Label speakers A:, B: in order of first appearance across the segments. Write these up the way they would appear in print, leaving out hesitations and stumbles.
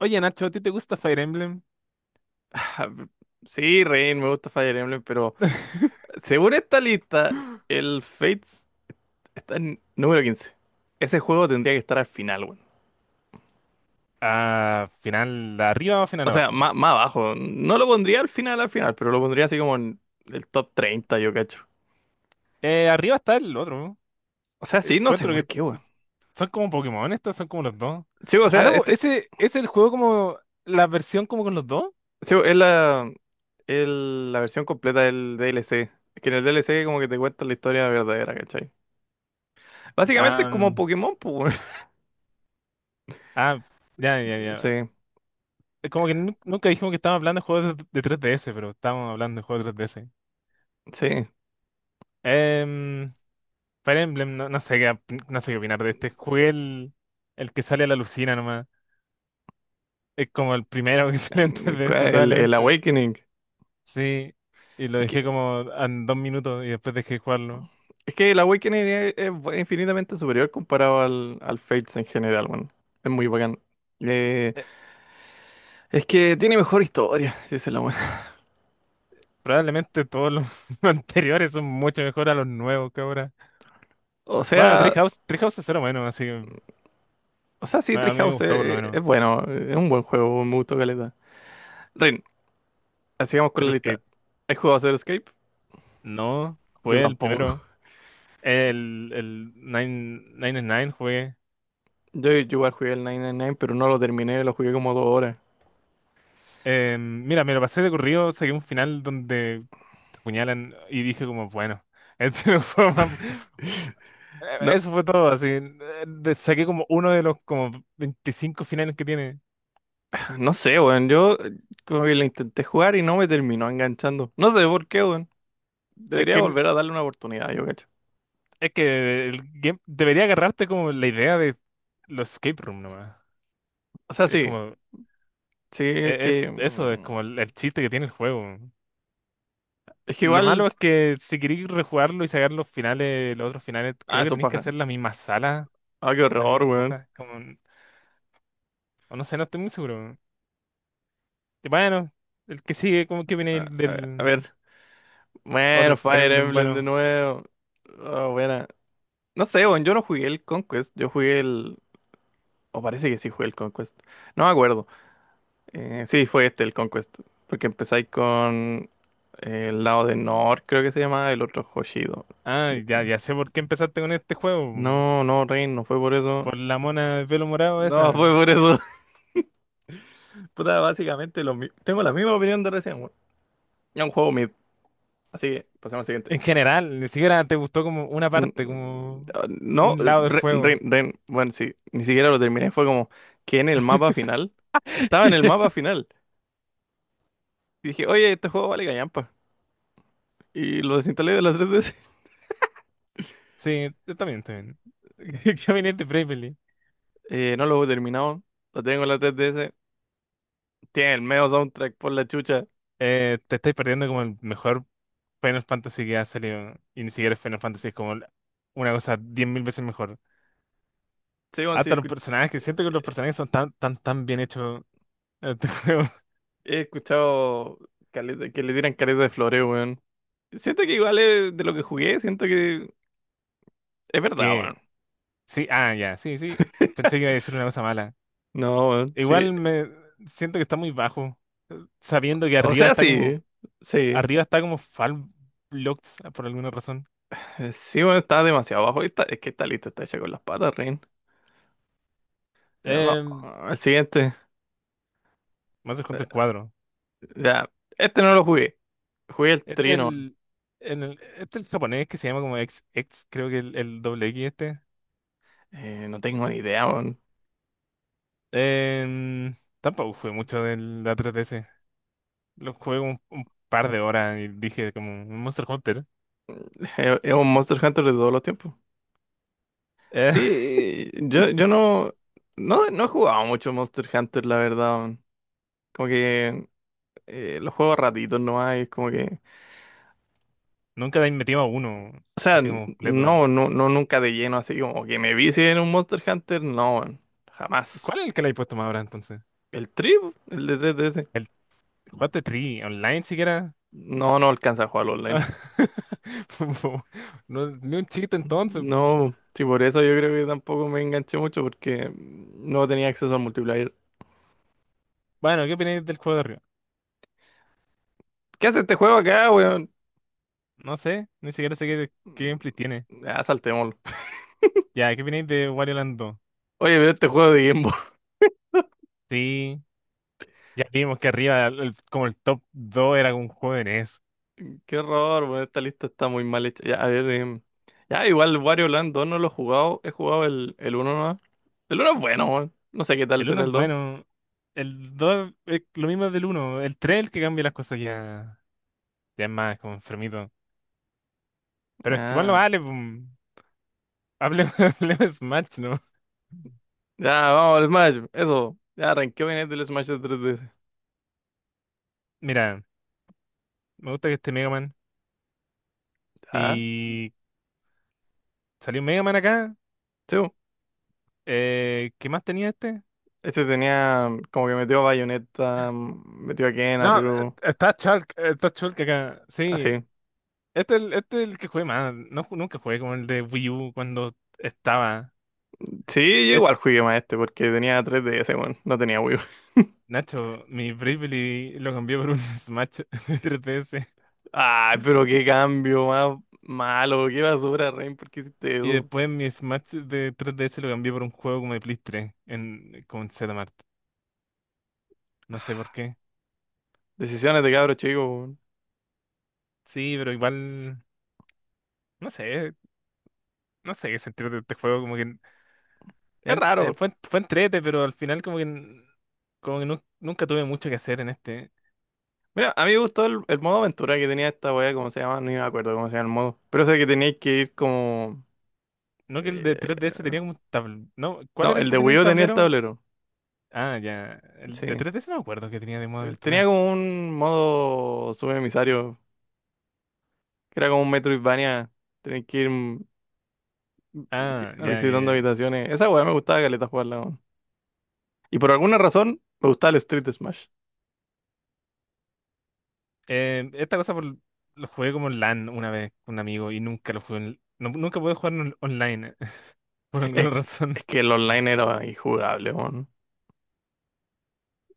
A: Oye, Nacho, ¿a ti te gusta Fire Emblem?
B: Sí, Rain, me gusta Fire Emblem, pero según esta lista, el Fates está en número 15. Ese juego tendría que estar al final, weón.
A: Ah, final arriba o final
B: O sea,
A: abajo.
B: más abajo. No lo pondría al final, pero lo pondría así como en el top 30, yo cacho.
A: Arriba está el otro, ¿no?
B: O sea, sí, no sé
A: Encuentro
B: por
A: que
B: qué, weón.
A: son como Pokémon estos, son como los dos.
B: Sí, o
A: Ah,
B: sea,
A: no, pues,
B: este
A: ese es el juego como la versión como con los dos.
B: sí, es la, la versión completa del DLC. Es que en el DLC como que te cuentan la historia verdadera, ¿cachai? Básicamente es
A: Ah,
B: como
A: mm,
B: Pokémon, pues, weón.
A: ah, ya, ya, ya.
B: Sí,
A: Como que nunca dijimos que estábamos hablando de juegos de 3DS, pero estábamos hablando de juegos de 3DS.
B: sí.
A: Em, Fire Emblem, no, no sé qué, no sé qué opinar de este. Jugué el que sale a la lucina nomás. Es como el primero que sale en 3DS
B: El
A: probablemente.
B: Awakening.
A: Sí, y lo dejé
B: Es
A: como en 2 minutos y después dejé de jugarlo.
B: Es que la Awakening es, es infinitamente superior comparado al, al Fates en general, bueno. Es muy bacán. Eh,
A: Eh,
B: es que tiene mejor historia, si es la buena.
A: Probablemente todos los anteriores son mucho mejor a los nuevos que ahora.
B: O
A: Bueno,
B: sea,
A: Treehouse, Treehouse es cero bueno, así que
B: o sea, sí,
A: a mí me
B: Treehouse
A: gustó por lo
B: es, es
A: menos.
B: bueno, es un buen juego, me gustó caleta. Rin, así vamos con
A: Pero
B: la
A: es
B: lista.
A: que
B: ¿Has jugado Zero Escape?
A: no,
B: Yo
A: jugué el
B: tampoco.
A: primero. El Nine, Nine and Nine jugué.
B: Yo igual jugué el 999, pero no lo terminé, lo jugué como dos horas.
A: Mira, me lo pasé de corrido, saqué un final donde te apuñalan y dije como, bueno, este
B: No,
A: eso fue todo, así. Saqué como uno de los como 25 finales que tiene.
B: no sé, weón, yo, como que lo intenté jugar y no me terminó enganchando. No sé por qué, weón.
A: Es
B: Debería
A: que,
B: volver a darle una oportunidad, yo cacho.
A: es que el game debería agarrarte como la idea de los escape room nomás.
B: O sea,
A: Es
B: sí.
A: como,
B: Sí, es que.
A: eso es como el chiste que tiene el juego.
B: Es que
A: Lo malo
B: igual.
A: es que si queréis rejugarlo y sacar los finales, los otros finales,
B: Ah,
A: creo que
B: eso
A: tenéis que
B: paja.
A: hacer las mismas salas,
B: Ah, qué
A: las
B: horror,
A: mismas
B: weón.
A: cosas, como, o no sé, no estoy muy seguro. Y bueno, el que sigue, como que viene
B: Ah,
A: el
B: A
A: del
B: ver.
A: otro
B: Bueno,
A: Fire
B: Fire
A: Emblem,
B: Emblem de
A: bueno.
B: nuevo. Ah, buena. No sé, weón. Yo no jugué el Conquest. Yo jugué el. O parece que sí jugué el Conquest. No me acuerdo. Sí, fue este, el Conquest. Porque empezáis con. El lado de Nor, creo que se llama. El otro Hoshido.
A: Ah, ya, ya sé por qué empezaste con este juego.
B: No, no, Rain, no fue por eso.
A: Por la mona de pelo morado
B: No, fue
A: esa.
B: por eso. Puta, básicamente tengo la misma opinión de recién, weón. Es un juego mid. Así que, pasemos al siguiente.
A: En general, ni siquiera te gustó como una
B: Mm,
A: parte, como
B: No,
A: un lado del
B: Ren,
A: juego.
B: Bueno, sí, ni siquiera lo terminé. Fue como que en el mapa final. Estaba en el mapa final. Y dije, oye, este juego vale callampa. Y lo desinstalé de la 3DS.
A: Sí, yo también, también. Caminante Bravely.
B: No lo he terminado. Lo tengo en la 3DS. Tiene el medio soundtrack por la chucha.
A: Te estáis perdiendo como el mejor Final Fantasy que ha salido. Y ni siquiera es Final Fantasy, es como una cosa 10.000 veces mejor.
B: Sí, weón, sí,
A: Hasta los personajes, siento que
B: eh,
A: los personajes son tan, tan, tan bien hechos. eh,
B: he escuchado que le tiran caleta de floreo, weón. Siento que igual es de lo que jugué, siento que es verdad,
A: que
B: weón.
A: sí, ah, ya, sí, sí. Pensé que iba a decir una cosa mala.
B: No, weón, sí.
A: Igual me siento que está muy bajo. Sabiendo que
B: O sea, sí. Sí.
A: arriba está como Fall Blocks por alguna razón.
B: Sí, bueno, está demasiado abajo. Está, es que está listo, está hecha con las patas, Rin. Ya, va-
A: Em,
B: El siguiente.
A: Más se
B: Eh,
A: cuenta el cuadro.
B: Ya, este no lo jugué. Jugué el
A: Este es
B: Trino.
A: el, este es el japonés que se llama como X, X, creo que el doble X este.
B: No tengo ni idea, weón.
A: Em, Tampoco jugué mucho del la 3DS. Lo jugué un par de horas y dije como Monster Hunter.
B: Es un Monster Hunter de todos los tiempos.
A: Eh,
B: Sí, yo no he jugado mucho Monster Hunter, la verdad. Weón. Como que los juego a ratitos nomás, y es como que.
A: Nunca le he metido a uno,
B: O sea,
A: así como completo.
B: no, no, no, nunca de lleno, así como que me vi en un Monster Hunter, no, weón.
A: ¿Cuál
B: Jamás.
A: es el que le he puesto más ahora entonces?
B: El Trip, el de 3DS.
A: ¿El Jugaste Tree online siquiera?
B: No, no alcanza a jugar online.
A: No, ni un chiste entonces.
B: No, sí, por eso yo creo que tampoco me enganché mucho porque no tenía acceso al multiplayer.
A: Bueno, ¿qué opináis del juego de arriba?
B: ¿Qué hace este juego acá, weón?
A: No sé, ni siquiera sé qué gameplay tiene.
B: Ya, saltémoslo.
A: Ya, ¿qué opináis de Wario Land 2?
B: Oye, pero este juego de Game Boy.
A: Sí, ya vimos que arriba, como el top 2 era un juego de NES.
B: Qué horror, weón. Esta lista está muy mal hecha. Ya, a ver, em, ya, igual Wario Land 2 no lo he jugado. He jugado el uno nomás. El uno es bueno, weón. No sé qué tal
A: El uno,
B: será
A: es
B: el dos.
A: bueno, el 2, es lo mismo del uno. El 3, es el que cambia las cosas ya, ya es más como enfermito. Pero es que igual no
B: Ah,
A: vale, pum. Hablemos, hablemos de Smash, ¿no?
B: ya, vamos al Smash. Eso. Ya, ranqueo bien el del Smash de 3DS.
A: Mira, me gusta que esté Mega Man.
B: Ya,
A: Y salió Mega Man acá.
B: sí.
A: ¿Qué más tenía este?
B: Este tenía como que metió a Bayonetta, metió a Ken, a
A: No,
B: Ryu,
A: está Shulk acá. Sí,
B: así.
A: este es el que jugué más. No, nunca jugué como el de Wii U cuando estaba.
B: Sí, yo
A: Es-
B: igual jugué más este porque tenía 3DS, weón, no tenía Wii U.
A: Nacho, mi Bravely lo cambié por un Smash de 3DS.
B: Ay, pero qué cambio más malo, qué basura, Rain, ¿por qué hiciste
A: Y
B: eso?
A: después mi Smash de 3DS lo cambié por un juego como de Play 3 en, con Zmart. No sé por qué.
B: Decisiones de cabro chico, weón.
A: Sí, pero igual. No sé. No sé qué sentir de este juego. Como que,
B: Es raro.
A: fue entrete, pero al final como que, Como que nunca tuve mucho que hacer en este.
B: Mira, a mí me gustó el modo aventura que tenía esta weá, ¿cómo se llama? Ni me acuerdo cómo se llama el modo. Pero sé que teníais que ir como...
A: No que el
B: eh,
A: de 3DS tenía como un tablero. No, ¿cuál
B: no,
A: era el
B: el
A: que
B: de
A: tenía
B: Wii
A: el
B: U tenía el
A: tablero?
B: tablero,
A: Ah, ya. El de
B: sí.
A: 3DS no me acuerdo que tenía de modo
B: Él tenía
A: aventura.
B: como un modo subemisario que era como un Metroidvania, tenés que ir
A: Ah, ya, ya,
B: visitando
A: ya.
B: habitaciones. Esa weá me gustaba caleta jugarla, weón. Y por alguna razón me gustaba el Street Smash.
A: Eh, esta cosa por- lo jugué como en LAN una vez con un amigo y nunca lo jugué, nunca pude jugar, online por alguna
B: Es,
A: razón.
B: es que el online era injugable, weón.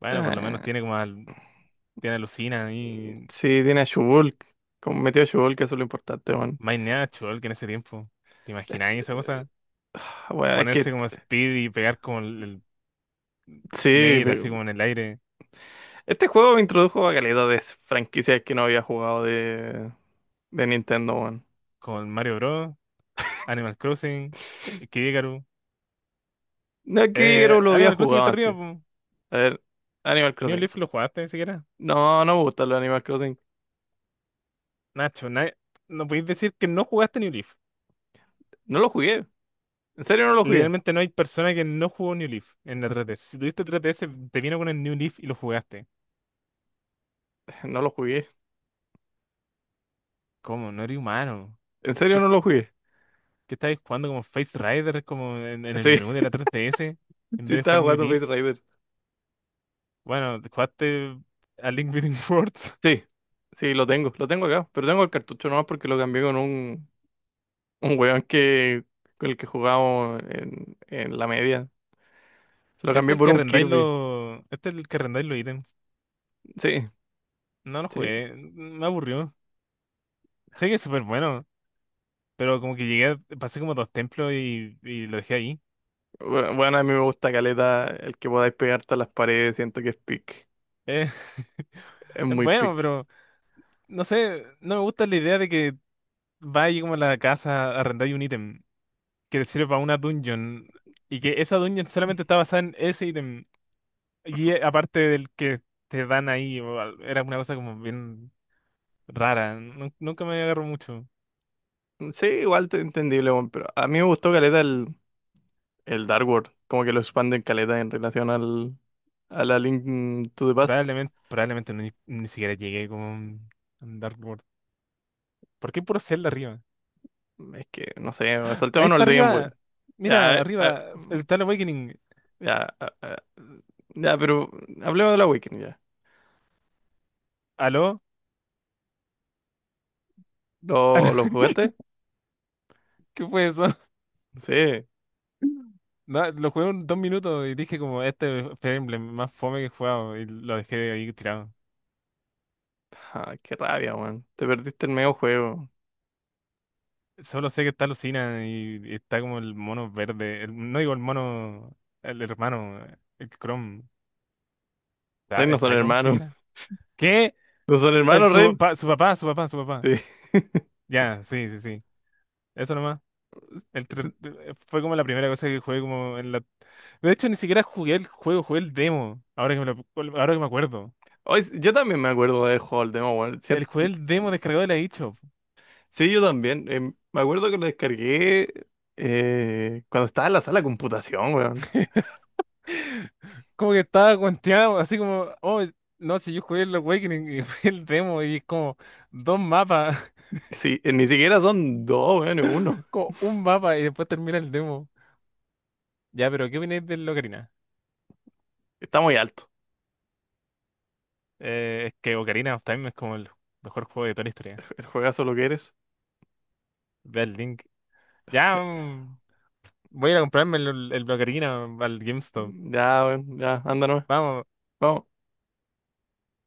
A: Bueno, por lo menos
B: Eh,
A: tiene como tiene alucina y
B: sí, tiene a Shulk. Como metió a Shulk, eso es lo importante, weón.
A: My Natural que en ese tiempo. ¿Te
B: Esta
A: imagináis esa cosa?
B: weá, es
A: Ponerse
B: que
A: como Speed y pegar como el
B: sí,
A: Nade así como en el aire
B: este juego me introdujo a caleta de franquicias que no había jugado de Nintendo, weón.
A: con Mario Bros, Animal Crossing, Kid Icarus.
B: No es que yo lo había
A: Animal Crossing
B: jugado
A: está arriba,
B: antes.
A: po.
B: A ver, Animal
A: New
B: Crossing.
A: Leaf lo jugaste siquiera.
B: No, no me gustan los Animal Crossing.
A: Nacho, no podéis decir que no jugaste New Leaf.
B: No lo jugué. ¿En serio no lo jugué?
A: Literalmente no hay persona que no jugó New Leaf en la 3 S. Si tuviste 3 S, te vino con el New Leaf y lo jugaste.
B: No lo jugué.
A: ¿Cómo? No eres humano.
B: ¿En serio
A: ¿Qué,
B: no lo jugué?
A: qué estabais jugando como Face Rider, como en el
B: Sí,
A: menú de la 3 S en
B: sí
A: vez de jugar
B: estaba
A: New
B: jugando
A: Leaf?
B: Face Raiders.
A: Bueno, jugaste a Link Between Worlds.
B: Sí, sí, lo tengo acá. Pero tengo el cartucho nomás porque lo cambié con un weón que, con el que jugábamos en la media. Se lo
A: Este
B: cambié
A: es el
B: por
A: que
B: un
A: arrendáis
B: Kirby.
A: los, Este es el que arrendáis los ítems.
B: Sí,
A: No lo
B: sí.
A: jugué, me aburrió. Sé que es súper bueno, pero como que llegué, pasé como dos templos y lo dejé ahí.
B: Bueno, a mí me gusta caleta el que podáis pegarte a las paredes. Siento que es pick.
A: Eh,
B: Es
A: es
B: muy
A: bueno,
B: pick.
A: pero no sé, no me gusta la idea de que vaya como a la casa, a arrendáis un ítem que te sirve para una dungeon y que esa dungeon solamente está basada en ese ítem y aparte del que te dan ahí, era una cosa como bien rara, nunca me agarró mucho.
B: Sí, igual, entendible, weón, pero a mí me gustó caleta el Dark World. Como que lo expanden caleta en relación al, a la Link to the Past.
A: Probablemente, probablemente no, ni siquiera llegué como en Dark World. ¿Por qué puro Zelda arriba?
B: Es que, no sé,
A: Ahí
B: saltémonos
A: está
B: el de Game
A: arriba,
B: Boy. Ya,
A: mira,
B: eh, eh,
A: arriba, el Tal Awakening.
B: ya, eh, eh, ya, pero hablemos de la Weekend ya.
A: ¿Aló? ¿Aló?
B: Lo jugaste?
A: ¿Qué fue eso?
B: Sí.
A: No, lo jugué un, 2 minutos y dije como este es Fire Emblem más fome que he jugado y lo dejé ahí tirado.
B: Ah, qué rabia, weón. Te perdiste el medio juego.
A: Solo sé que está Lucina y está como el mono verde. No digo el mono, el hermano, el Chrome. ¿Está,
B: Ren no son
A: está Chrome
B: hermanos.
A: siquiera? ¿Qué?
B: ¿No son hermanos, Ren?
A: Su papá, su papá, su papá.
B: Sí.
A: Ya, sí, sí, sí. Eso nomás. Fue como la primera cosa que jugué como en la... De hecho, ni siquiera jugué el juego, jugué el demo. Ahora que me acuerdo.
B: Hoy, yo también me acuerdo de juego al demo, weón.
A: El jugué el demo descargado de la eShop.
B: Sí, yo también. Em, me acuerdo que lo descargué cuando estaba en la sala de computación, weón.
A: Como que estaba cuenteado, así como, oh, no, si yo jugué el Awakening y fue el demo y es como dos mapas,
B: Sí, ni siquiera son dos, weón, es uno.
A: como un mapa y después termina el demo. Ya, pero ¿qué opináis del Ocarina?
B: Está muy alto.
A: Es que Ocarina of Time es como el mejor juego de toda la historia.
B: El juegazo lo que eres.
A: Ve el link. Ya, voy a ir a comprarme el Ocarina al GameStop.
B: Ya, weón, ya, anda nomás.
A: Vamos.
B: Vamos.